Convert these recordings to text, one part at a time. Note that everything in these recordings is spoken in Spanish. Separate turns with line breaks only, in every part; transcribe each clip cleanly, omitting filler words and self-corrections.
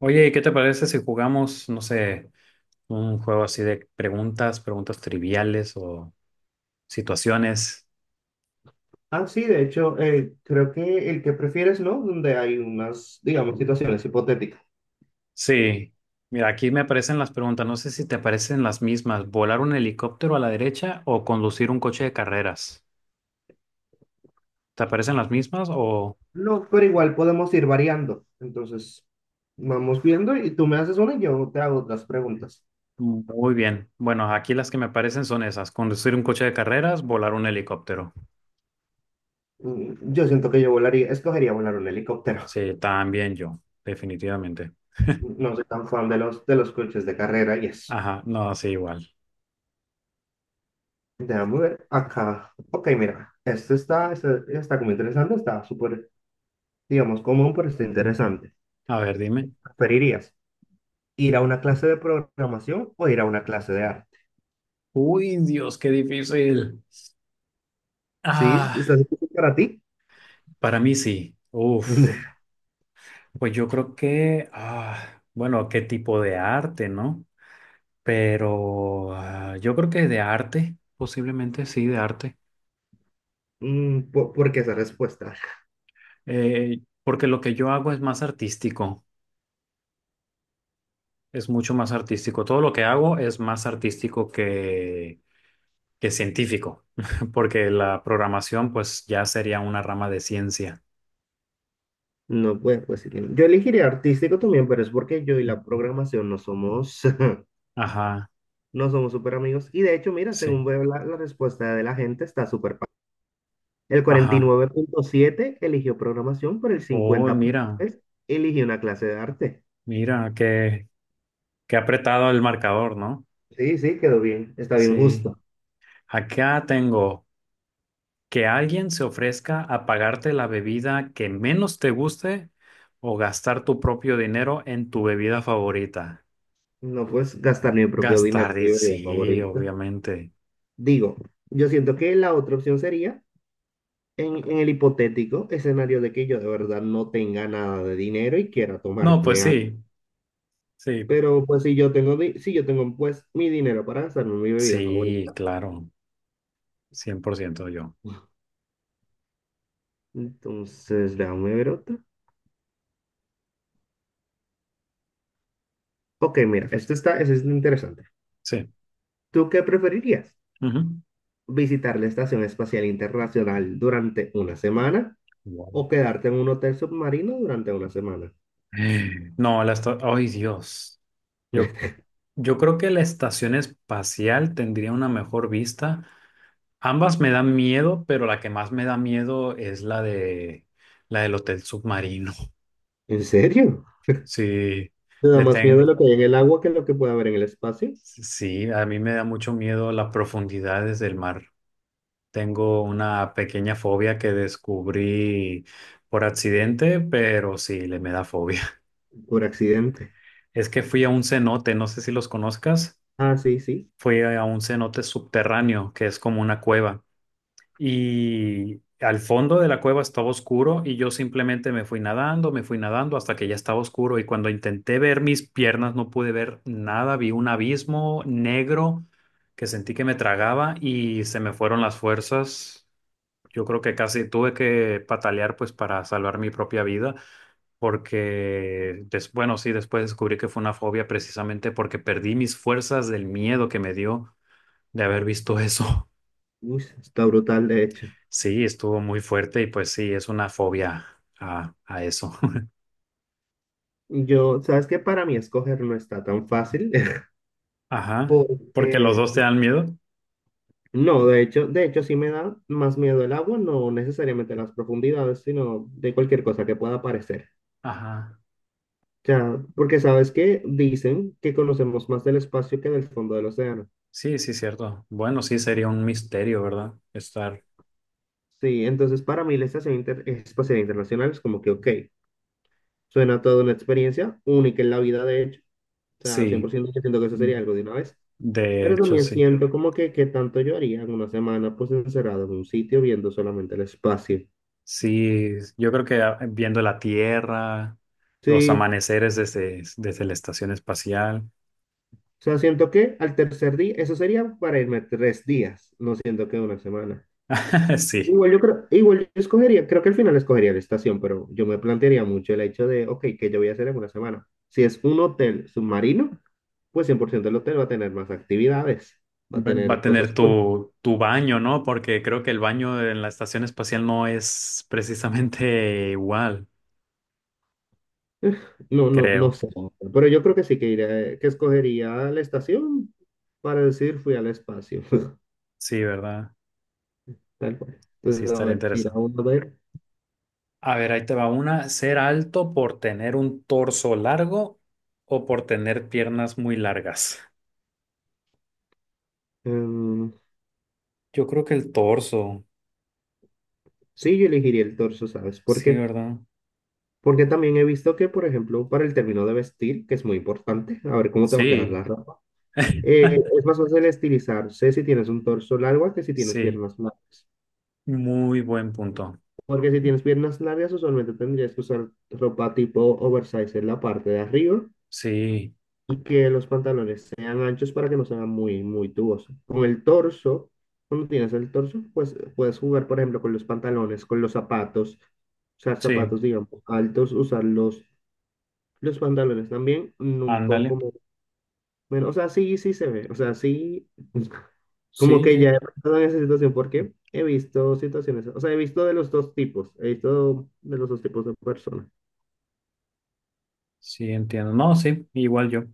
Oye, ¿qué te parece si jugamos, no sé, un juego así de preguntas triviales o situaciones?
Ah, sí, de hecho, creo que el que prefieres, ¿no? Donde hay unas, digamos, situaciones hipotéticas.
Sí, mira, aquí me aparecen las preguntas, no sé si te aparecen las mismas, volar un helicóptero a la derecha o conducir un coche de carreras. ¿Te aparecen las mismas o
No, pero igual podemos ir variando. Entonces, vamos viendo y tú me haces una y yo te hago otras preguntas.
muy bien? Bueno, aquí las que me aparecen son esas, conducir un coche de carreras, volar un helicóptero.
Yo siento que yo volaría, escogería volar un helicóptero.
Sí, también yo, definitivamente.
No soy tan fan de los coches de carrera y eso.
Ajá, no, sí, igual.
Déjame ver acá. Ok, mira, este está como interesante, está súper, digamos, común, pero está interesante.
A ver, dime.
¿Preferirías ir a una clase de programación o ir a una clase de arte?
Uy, Dios, qué difícil.
Sí,
Ah.
está difícil para ti.
Para mí sí. Uf, pues yo creo que, bueno, qué tipo de arte, ¿no? Pero yo creo que de arte, posiblemente sí, de arte.
¿Por qué esa respuesta?
Porque lo que yo hago es más artístico, es mucho más artístico. Todo lo que hago es más artístico que científico, porque la programación pues ya sería una rama de ciencia.
No, pues Yo elegiría artístico también, pero es porque yo y la programación no somos,
Ajá,
no somos súper amigos. Y de hecho, mira,
sí,
según veo la respuesta de la gente, está súper. El cuarenta y
ajá.
nueve punto siete eligió programación, pero el
Oh, mira,
50.3 eligió una clase de arte.
mira, qué apretado el marcador, ¿no?
Sí, sí, quedó bien. Está bien
Sí.
justo.
Acá tengo que alguien se ofrezca a pagarte la bebida que menos te guste o gastar tu propio dinero en tu bebida favorita.
No puedes gastar mi propio dinero,
Gastar,
mi
sí,
bebida favorita.
obviamente.
Digo, yo siento que la otra opción sería. En el hipotético escenario de que yo de verdad no tenga nada de dinero y quiera
No, pues
tomarme algo.
sí, sí,
Pero pues si yo tengo pues mi dinero para gastarme en mi bebida
sí,
favorita.
claro, 100%, yo.
Entonces, déjame ver otra. Ok, mira, esto está, esto es interesante.
Sí.
¿Tú qué preferirías?
Ujú.
¿Visitar la Estación Espacial Internacional durante una semana
Wow.
o quedarte en un hotel submarino durante una semana?
No, ay, Dios. Yo, yo creo que la estación espacial tendría una mejor vista. Ambas me dan miedo, pero la que más me da miedo es la del hotel submarino.
¿En serio?
Sí,
¿Te da
le
más miedo
ten,
lo que hay en el agua que lo que puede haber en el espacio?
sí, a mí me da mucho miedo las profundidades del mar. Tengo una pequeña fobia que descubrí por accidente, pero sí, le me da fobia.
Por accidente.
Es que fui a un cenote, no sé si los conozcas.
Ah, sí, sí.
Fui a un cenote subterráneo, que es como una cueva. Y al fondo de la cueva estaba oscuro y yo simplemente me fui nadando hasta que ya estaba oscuro y cuando intenté ver mis piernas no pude ver nada, vi un abismo negro que sentí que me tragaba y se me fueron las fuerzas. Yo creo que casi tuve que patalear pues para salvar mi propia vida porque, bueno, sí, después descubrí que fue una fobia precisamente porque perdí mis fuerzas del miedo que me dio de haber visto eso.
Uy, está brutal, de hecho.
Sí, estuvo muy fuerte y pues sí, es una fobia a eso.
Yo, sabes que para mí escoger no está tan fácil,
Ajá, porque los
porque
dos te dan miedo.
no, de hecho sí me da más miedo el agua, no necesariamente las profundidades, sino de cualquier cosa que pueda aparecer.
Ajá,
O sea, porque sabes que dicen que conocemos más del espacio que del fondo del océano.
sí, sí, cierto. Bueno, sí, sería un misterio, ¿verdad? Estar,
Sí, entonces para mí la Estación Espacial Internacional es como que, ok, suena toda una experiencia única en la vida, de hecho. O sea,
sí,
100% yo siento que eso
mm,
sería algo de una vez.
de
Pero
hecho,
también
sí.
siento como que tanto yo haría en una semana pues encerrado en un sitio viendo solamente el espacio.
Sí, yo creo que viendo la Tierra, los
Sí,
amaneceres desde la estación espacial.
o sea, siento que al tercer día, eso sería para irme tres días, no siento que una semana.
Sí.
Igual yo creo, igual yo escogería, creo que al final escogería la estación, pero yo me plantearía mucho el hecho de, ok, ¿qué yo voy a hacer en una semana? Si es un hotel submarino, pues 100% el hotel va a tener más actividades, va a
Va a
tener cosas
tener tu baño, ¿no? Porque creo que el baño en la estación espacial no es precisamente igual,
Eh, No, no, no
creo.
sé, pero yo creo que sí que iré, que escogería la estación para decir fui al espacio,
Sí, ¿verdad?
tal cual.
Sí,
Entonces, a
estaría
ver, tira
interesante.
uno, a ver.
A ver, ahí te va una. ¿Ser alto por tener un torso largo o por tener piernas muy largas?
Em,
Yo creo que el torso.
sí, yo elegiría el torso, ¿sabes?
Sí,
Porque,
¿verdad?
porque también he visto que, por ejemplo, para el término de vestir, que es muy importante, a ver cómo te va a quedar
Sí,
la ropa, es más fácil estilizarse si tienes un torso largo a que si tienes
sí.
piernas largas.
Muy buen punto.
Porque si tienes piernas largas, usualmente tendrías que usar ropa tipo oversize en la parte de arriba
Sí,
y que los pantalones sean anchos para que no sean muy, muy tubosos. Con el torso, cuando tienes el torso, pues puedes jugar, por ejemplo, con los pantalones, con los zapatos, usar
sí.
zapatos, digamos, altos, usar los, pantalones también, un poco
Ándale.
menos, o sea, sí, sí se ve, o sea, sí,
Sí,
como que ya
sí.
he pasado en esa situación porque he visto situaciones, o sea, he visto de los dos tipos, he visto de los dos tipos de personas.
Sí, entiendo. No, sí, igual yo.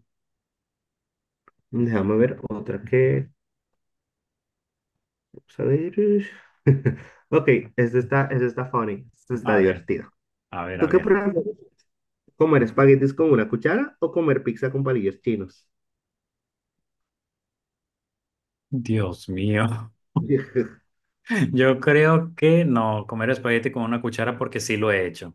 Déjame ver otra que. Vamos a ver. Ok, esto está funny. Esto está
A ver,
divertido.
a ver,
¿Tú
a
qué
ver.
prefieres? ¿Comer espaguetis con una cuchara o comer pizza con palillos chinos?
Dios mío. Yo creo que no, comer espagueti con una cuchara porque sí lo he hecho.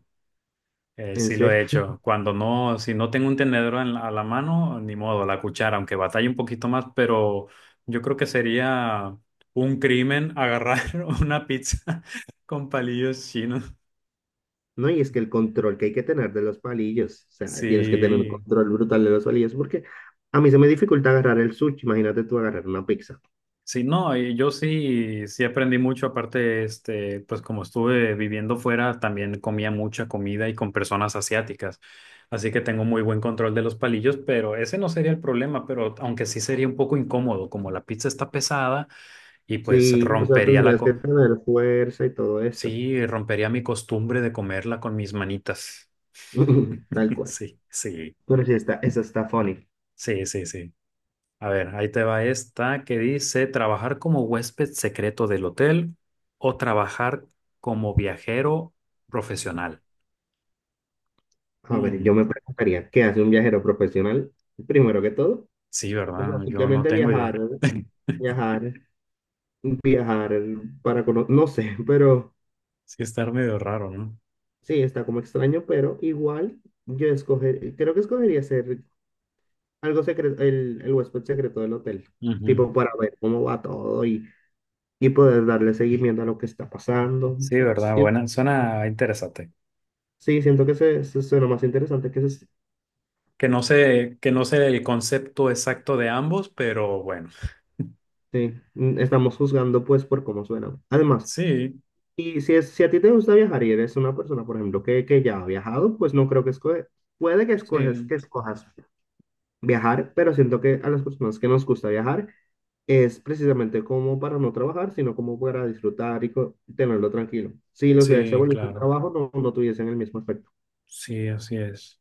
Eh,
En
sí lo he
serio.
hecho. Cuando no, si no tengo un tenedor en a la mano, ni modo, la cuchara, aunque batalle un poquito más, pero yo creo que sería un crimen agarrar una pizza con palillos chinos.
No, y es que el control que hay que tener de los palillos, o sea, tienes que tener un
Sí,
control brutal de los palillos porque a mí se me dificulta agarrar el sushi, imagínate tú agarrar una pizza.
sí, no, y yo sí, sí aprendí mucho. Aparte, este, pues como estuve viviendo fuera, también comía mucha comida y con personas asiáticas. Así que tengo muy buen control de los palillos, pero ese no sería el problema, pero aunque sí sería un poco incómodo, como la pizza está pesada. Y pues
Sí, o sea,
rompería
tendrías que tener fuerza y todo eso.
sí, rompería mi costumbre de comerla con mis manitas.
Tal cual.
Sí, sí,
Pero sí, está, eso está funny.
sí, sí, sí. A ver, ahí te va esta que dice trabajar como huésped secreto del hotel o trabajar como viajero profesional.
A ver,
Mm,
yo me preguntaría, ¿qué hace un viajero profesional? Primero que todo,
sí,
o sea,
¿verdad? Yo no
simplemente
tengo idea.
viajar, viajar, viajar para conocer, no sé, pero
Sí, estar medio raro, ¿no?
sí, está como extraño, pero igual yo escoger, creo que escogería ser algo secreto, el huésped secreto del hotel,
Ujú.
tipo para ver cómo va todo y poder darle seguimiento a lo que está pasando. O
Sí,
sea,
¿verdad?
sí,
Suena interesante.
sí, siento que se suena más interesante que se,
Que no sé el concepto exacto de ambos, pero bueno.
sí, estamos juzgando pues por cómo suena. Además,
Sí.
Y si a ti te gusta viajar y eres una persona, por ejemplo, que ya ha viajado, pues no creo que escoge, puede que escoges,
Sí,
que escojas viajar, pero siento que a las personas que nos gusta viajar es precisamente como para no trabajar, sino como para disfrutar y tenerlo tranquilo. Si los viajes se
sí,
volviesen
claro.
trabajo, no, no tuviesen el mismo efecto.
Sí, así es.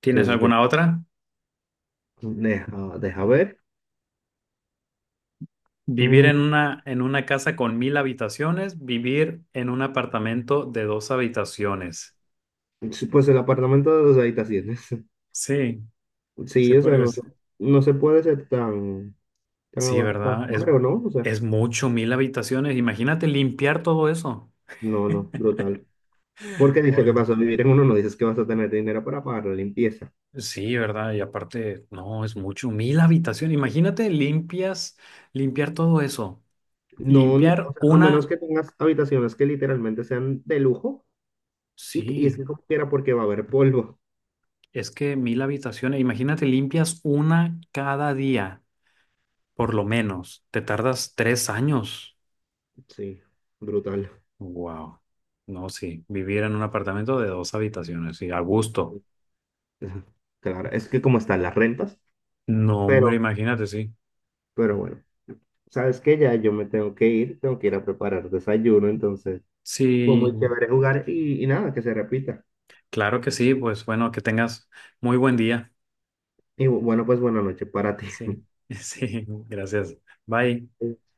¿Tienes
Entonces,
alguna otra?
deja ver.
Vivir
Mm,
en una casa con 1.000 habitaciones, vivir en un apartamento de dos habitaciones.
sí, pues el apartamento de dos habitaciones.
Sí, sí,
Sí, o sea, no,
pues,
no se puede ser tan, tan,
sí,
tan,
¿verdad? Es,
amargo, ¿no? O sea,
es mucho, 1.000 habitaciones. Imagínate limpiar todo eso.
no, no, brutal. Porque dice que vas
Bueno.
a vivir en uno, no dices que vas a tener dinero para pagar la limpieza.
Sí, ¿verdad? Y aparte, no, es mucho, 1.000 habitaciones. Imagínate limpiar todo eso.
No, o
Limpiar
sea, a menos
una,
que tengas habitaciones que literalmente sean de lujo y es
sí.
que como quiera porque va a haber polvo.
Es que 1.000 habitaciones, imagínate, limpias una cada día, por lo menos. Te tardas 3 años.
Sí, brutal.
Wow. No, sí, vivir en un apartamento de dos habitaciones, sí, a gusto.
Claro, es que como están las rentas,
No, hombre,
pero,
imagínate, sí.
pero bueno, sabes que ya yo me tengo que ir a preparar desayuno, entonces fue muy
Sí,
chévere jugar y nada, que se repita.
claro que sí, pues bueno, que tengas muy buen día.
Y bueno, pues buena noche para ti.
Sí, sí, gracias. Bye.